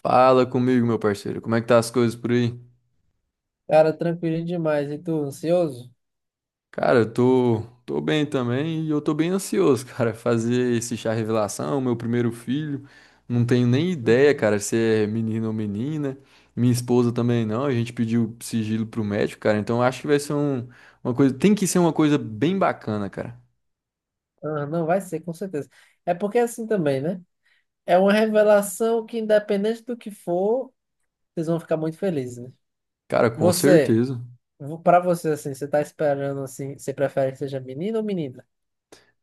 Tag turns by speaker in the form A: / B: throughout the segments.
A: Fala comigo, meu parceiro. Como é que tá as coisas por aí?
B: Cara, tranquilinho demais. E tu, ansioso?
A: Cara, eu tô bem também e eu tô bem ansioso, cara. Fazer esse chá revelação, meu primeiro filho. Não tenho nem ideia,
B: Uhum.
A: cara, se é menino ou menina. Minha esposa também não. A gente pediu sigilo pro médico, cara. Então eu acho que vai ser uma coisa. Tem que ser uma coisa bem bacana, cara.
B: Ah, não, vai ser, com certeza. É porque é assim também, né? É uma revelação que, independente do que for, vocês vão ficar muito felizes, né?
A: Cara, com
B: Você,
A: certeza.
B: pra você, assim, você tá esperando, assim, você prefere que seja menino ou menina?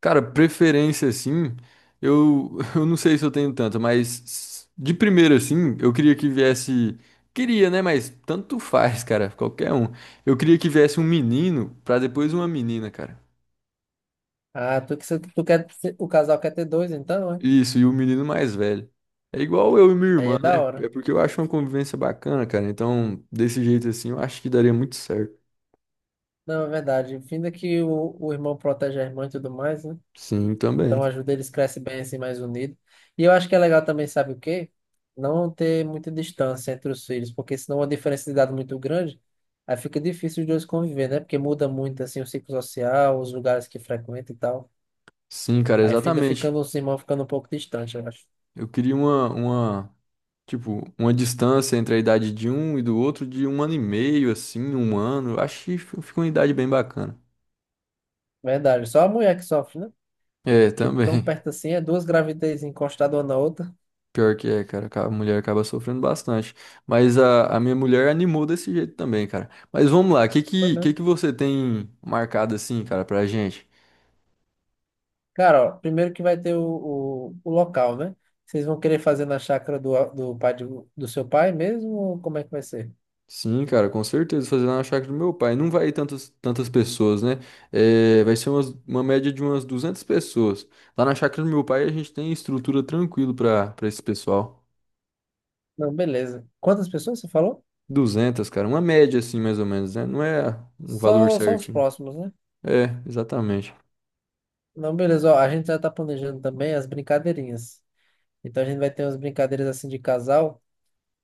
A: Cara, preferência assim, eu, eu não sei se eu tenho tanta, mas de primeira assim, eu queria que viesse. Queria, né? Mas tanto faz, cara, qualquer um. Eu queria que viesse um menino pra depois uma menina, cara.
B: Ah, tu quer, o casal quer ter dois, então, né?
A: Isso, e o menino mais velho. É igual eu e minha
B: Aí
A: irmã,
B: é da
A: né?
B: hora.
A: É porque eu acho uma convivência bacana, cara. Então, desse jeito assim, eu acho que daria muito certo.
B: Não, é verdade. Ainda que o irmão protege a irmã e tudo mais, né?
A: Sim,
B: Então
A: também.
B: ajuda eles crescem bem assim, mais unidos. E eu acho que é legal também, sabe o quê? Não ter muita distância entre os filhos, porque senão uma diferença de idade muito grande, aí fica difícil os dois conviver, né? Porque muda muito assim o ciclo social, os lugares que frequenta e tal.
A: Sim, cara,
B: Aí ainda
A: exatamente.
B: ficando os irmãos ficando um pouco distante, eu acho.
A: Eu queria uma tipo, uma distância entre a idade de um e do outro de um ano e meio, assim, um ano. Acho que fica uma idade bem bacana.
B: Verdade. Só a mulher que sofre, né?
A: É,
B: Que
A: também.
B: tão perto assim, é duas gravidez encostadas uma na outra.
A: Pior que é, cara. A mulher acaba sofrendo bastante. Mas a minha mulher animou desse jeito também, cara. Mas vamos lá, o que
B: Foi
A: que, que
B: mesmo.
A: que você tem marcado assim, cara, pra gente?
B: Cara, ó, primeiro que vai ter o local, né? Vocês vão querer fazer na chácara do seu pai mesmo, ou como é que vai ser?
A: Sim, cara, com certeza. Fazer lá na chácara do meu pai. Não vai ir tantas, tantas pessoas, né? É, vai ser uma média de umas 200 pessoas. Lá na chácara do meu pai a gente tem estrutura tranquilo pra esse pessoal.
B: Não, beleza. Quantas pessoas você falou?
A: Duzentas, cara, uma média assim, mais ou menos, né? Não é um valor
B: Só os
A: certinho.
B: próximos, né?
A: É, exatamente.
B: Não, beleza. Ó, a gente já tá planejando também as brincadeirinhas. Então a gente vai ter umas brincadeiras assim de casal,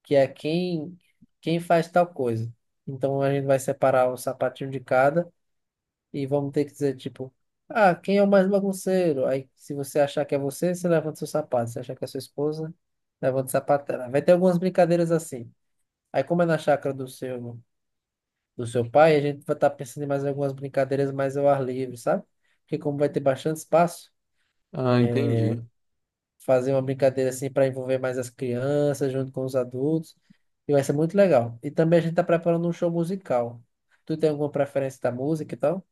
B: que é quem faz tal coisa. Então a gente vai separar o sapatinho de cada e vamos ter que dizer tipo, ah, quem é o mais bagunceiro? Aí se você achar que é você, você levanta seu sapato. Se achar que é sua esposa, levanta o sapato dela. Vai ter algumas brincadeiras assim. Aí como é na chácara do seu pai, a gente vai estar pensando em mais algumas brincadeiras mais ao ar livre, sabe? Porque como vai ter bastante espaço,
A: Ah, entendi.
B: fazer uma brincadeira assim para envolver mais as crianças junto com os adultos, e vai ser muito legal. E também a gente está preparando um show musical. Tu tem alguma preferência da música e tal?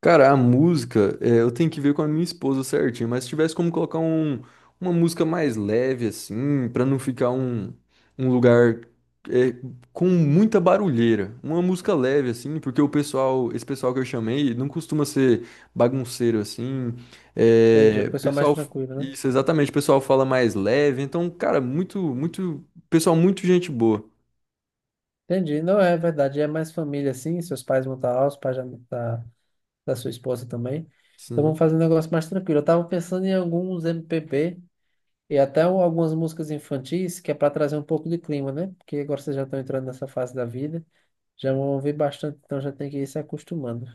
A: Cara, a música, é, eu tenho que ver com a minha esposa certinho, mas se tivesse como colocar uma música mais leve, assim, pra não ficar um lugar é, com muita barulheira. Uma música leve, assim, porque o pessoal, esse pessoal que eu chamei, não costuma ser bagunceiro, assim.
B: Entendi,
A: É,
B: o pessoal mais
A: pessoal,
B: tranquilo, né?
A: isso, exatamente, o pessoal fala mais leve, então, cara, muito, muito, pessoal, muito gente boa.
B: Entendi, não é verdade, é mais família assim, seus pais vão estar lá, os pais já vão estar da sua esposa também. Então vamos
A: Sim.
B: fazer um negócio mais tranquilo. Eu tava pensando em alguns MPB e até algumas músicas infantis, que é para trazer um pouco de clima, né? Porque agora vocês já estão entrando nessa fase da vida, já vão ouvir bastante, então já tem que ir se acostumando.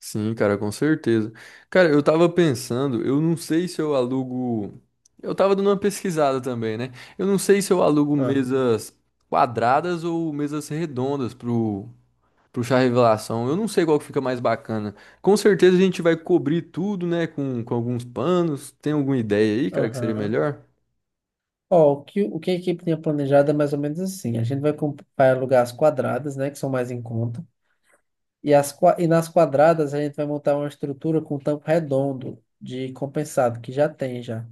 A: Sim, cara, com certeza. Cara, eu tava pensando, eu não sei se eu alugo. Eu tava dando uma pesquisada também, né? Eu não sei se eu alugo
B: Ah,
A: mesas quadradas ou mesas redondas pro chá revelação. Eu não sei qual que fica mais bacana. Com certeza a gente vai cobrir tudo, né? Com alguns panos. Tem alguma ideia aí, cara, que seria
B: aham.
A: melhor?
B: Ó, o que a equipe tinha planejado é mais ou menos assim. A gente vai alugar as quadradas, né, que são mais em conta. E nas quadradas a gente vai montar uma estrutura com tampo redondo de compensado, que já tem já.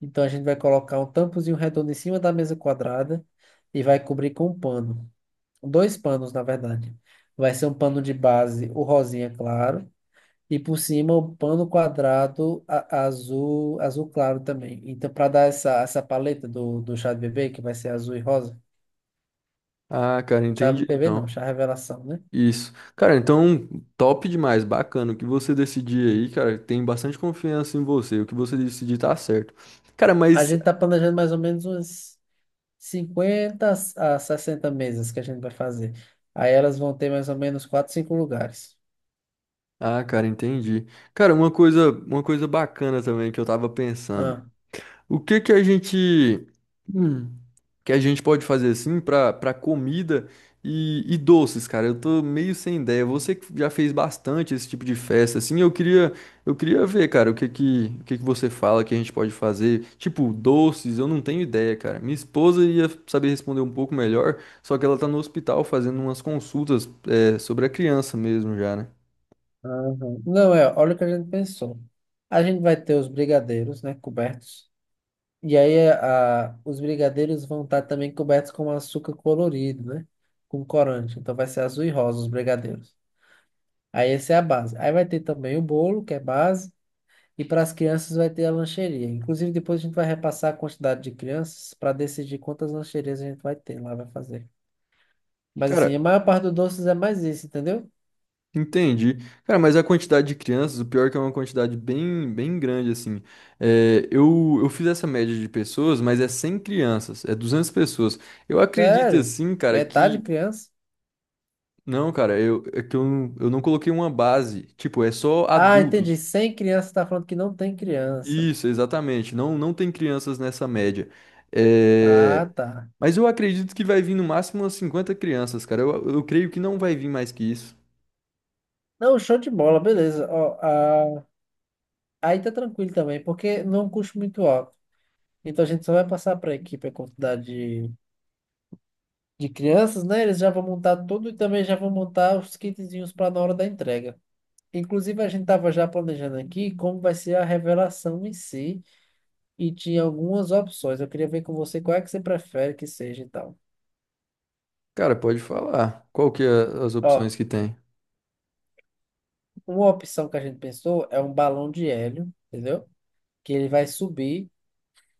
B: Então a gente vai colocar um tampozinho redondo em cima da mesa quadrada e vai cobrir com um pano. Dois panos, na verdade. Vai ser um pano de base, o rosinha claro, e por cima o pano quadrado azul, azul claro também. Então, para dar essa paleta do chá de bebê, que vai ser azul e rosa.
A: Ah, cara,
B: Chá de
A: entendi
B: bebê não,
A: então.
B: chá revelação, né?
A: Isso. Cara, então, top demais, bacana. O que você decidir aí, cara, tem bastante confiança em você. O que você decidir tá certo. Cara,
B: A
A: mas.
B: gente tá planejando mais ou menos umas 50 a 60 mesas que a gente vai fazer. Aí elas vão ter mais ou menos 4 5 lugares.
A: Ah, cara, entendi. Cara, uma coisa bacana também que eu tava pensando.
B: Ah,
A: O que que a gente. Que a gente pode fazer assim para comida e doces, cara. Eu tô meio sem ideia. Você que já fez bastante esse tipo de festa, assim, eu queria ver, cara, o que que você fala que a gente pode fazer? Tipo, doces, eu não tenho ideia, cara. Minha esposa ia saber responder um pouco melhor, só que ela tá no hospital fazendo umas consultas sobre a criança mesmo já, né?
B: aham. Não, é, olha o que a gente pensou. A gente vai ter os brigadeiros, né, cobertos. E aí os brigadeiros vão estar também cobertos com açúcar colorido, né? Com corante. Então vai ser azul e rosa os brigadeiros. Aí essa é a base. Aí vai ter também o bolo, que é base. E para as crianças vai ter a lancheria. Inclusive depois a gente vai repassar a quantidade de crianças para decidir quantas lancherias a gente vai ter lá, vai fazer. Mas
A: Cara,
B: assim, a maior parte dos doces é mais isso, entendeu?
A: entendi. Cara, mas a quantidade de crianças, o pior é que é uma quantidade bem, bem grande, assim. É, eu fiz essa média de pessoas, mas é 100 crianças, é 200 pessoas. Eu acredito,
B: Sério,
A: assim, cara,
B: metade
A: que...
B: criança.
A: Não, cara, é que eu não coloquei uma base. Tipo, é só
B: Ah, entendi.
A: adultos.
B: Sem criança, você tá falando que não tem criança.
A: Isso, exatamente. Não, não tem crianças nessa média.
B: Ah,
A: É...
B: tá.
A: Mas eu acredito que vai vir no máximo umas 50 crianças, cara. Eu creio que não vai vir mais que isso.
B: Não, show de bola, beleza. Ó, ah, aí tá tranquilo também, porque não custa muito alto. Então a gente só vai passar para a equipe a quantidade de, de crianças, né? Eles já vão montar tudo e também já vão montar os kitzinhos para na hora da entrega. Inclusive, a gente tava já planejando aqui como vai ser a revelação em si e tinha algumas opções. Eu queria ver com você qual é que você prefere que seja e tal.
A: Cara, pode falar. Qual que é as opções
B: Ó,
A: que tem?
B: uma opção que a gente pensou é um balão de hélio, entendeu? Que ele vai subir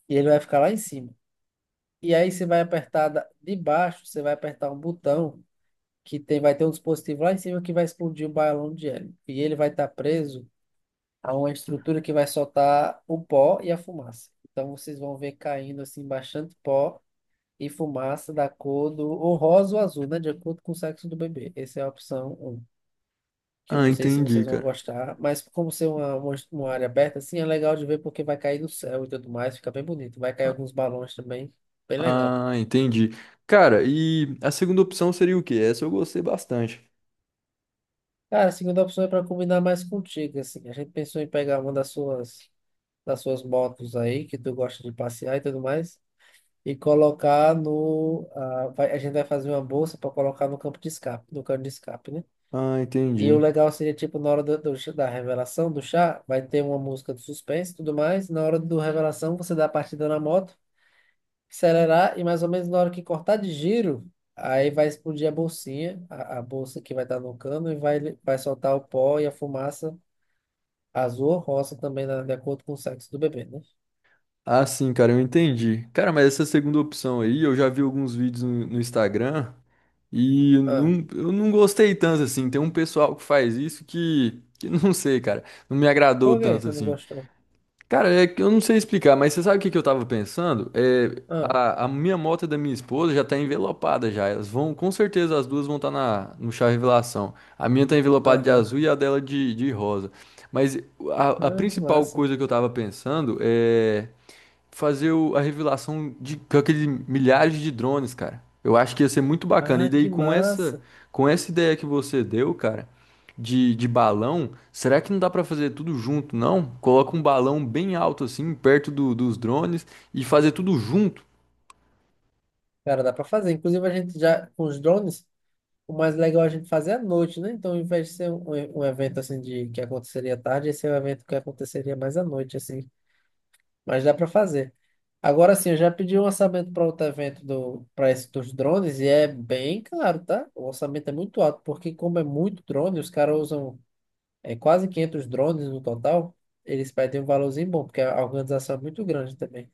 B: e ele vai ficar lá em cima. E aí você vai apertar de baixo, você vai apertar um botão que tem, vai ter um dispositivo lá em cima que vai explodir um balão de hélio. E ele vai estar preso a uma estrutura que vai soltar o pó e a fumaça. Então vocês vão ver caindo assim bastante pó e fumaça da cor do ou rosa ou azul, né? De acordo com o sexo do bebê. Essa é a opção 1. Que eu
A: Ah,
B: não sei se
A: entendi,
B: vocês vão
A: cara.
B: gostar, mas como ser uma área aberta, assim, é legal de ver porque vai cair do céu e tudo mais, fica bem bonito. Vai cair alguns balões também, bem legal.
A: Ah, ah, entendi. Cara, e a segunda opção seria o quê? Essa eu gostei bastante.
B: Cara, a segunda opção é para combinar mais contigo, assim. A gente pensou em pegar uma das suas motos aí, que tu gosta de passear e tudo mais, e colocar no... ah, vai- a gente vai fazer uma bolsa para colocar no campo de escape, no cano de escape, né?
A: Ah,
B: E o
A: entendi.
B: legal seria, tipo, na hora da revelação do chá, vai ter uma música de suspense e tudo mais. Na hora do revelação, você dá a partida na moto, acelerar e mais ou menos na hora que cortar de giro, aí vai explodir a bolsinha, a bolsa que vai estar no cano e vai soltar o pó e a fumaça azul ou rosa também de acordo com o sexo do bebê, né?
A: Ah, sim, cara, eu entendi. Cara, mas essa segunda opção aí, eu já vi alguns vídeos no Instagram e
B: Ah,
A: não, eu não gostei tanto assim. Tem um pessoal que faz isso que não sei, cara, não me agradou
B: por que
A: tanto
B: você não
A: assim.
B: gostou?
A: Cara, é que eu não sei explicar, mas você sabe o que que eu tava pensando? É,
B: Ah,
A: a minha moto e da minha esposa já tá envelopada já. Elas vão, com certeza as duas vão estar na no chá revelação. A minha tá envelopada de
B: aham.
A: azul e a dela de rosa. Mas a
B: Ah, que
A: principal
B: massa.
A: coisa que eu tava pensando é fazer a revelação de com aqueles milhares de drones, cara. Eu acho que ia ser muito bacana. E
B: Ah,
A: daí
B: que
A: com essa
B: massa.
A: com essa ideia que você deu, cara, de balão, será que não dá pra fazer tudo junto, não? Coloca um balão bem alto assim, perto dos drones e fazer tudo junto.
B: Cara, dá pra fazer. Inclusive, a gente já, com os drones, o mais legal é a gente fazer à noite, né? Então, ao invés de ser um evento assim de que aconteceria à tarde, esse é um evento que aconteceria mais à noite, assim. Mas dá pra fazer. Agora sim, eu já pedi um orçamento para outro evento para esse dos drones e é bem caro, tá? O orçamento é muito alto, porque como é muito drone, os caras usam quase 500 drones no total, eles pedem um valorzinho bom, porque a organização é muito grande também.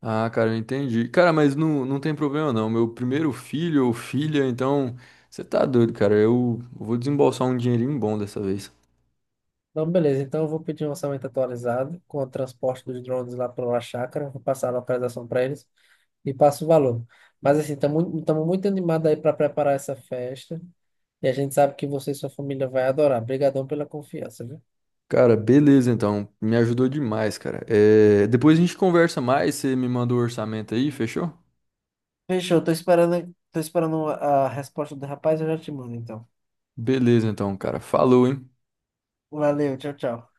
A: Ah, cara, eu entendi. Cara, mas não, não tem problema não. Meu primeiro filho ou filha, então você tá doido, cara. Eu vou desembolsar um dinheirinho bom dessa vez.
B: Então, beleza, então eu vou pedir um orçamento atualizado com o transporte dos drones lá para a chácara, vou passar a localização para eles e passo o valor. Mas assim, estamos muito animados aí para preparar essa festa e a gente sabe que você e sua família vai adorar. Obrigadão pela confiança, viu?
A: Cara, beleza então. Me ajudou demais, cara. É, depois a gente conversa mais, você me manda o orçamento aí, fechou?
B: Fechou, tô esperando a resposta do rapaz, eu já te mando então.
A: Beleza então, cara. Falou, hein?
B: Valeu, tchau, tchau.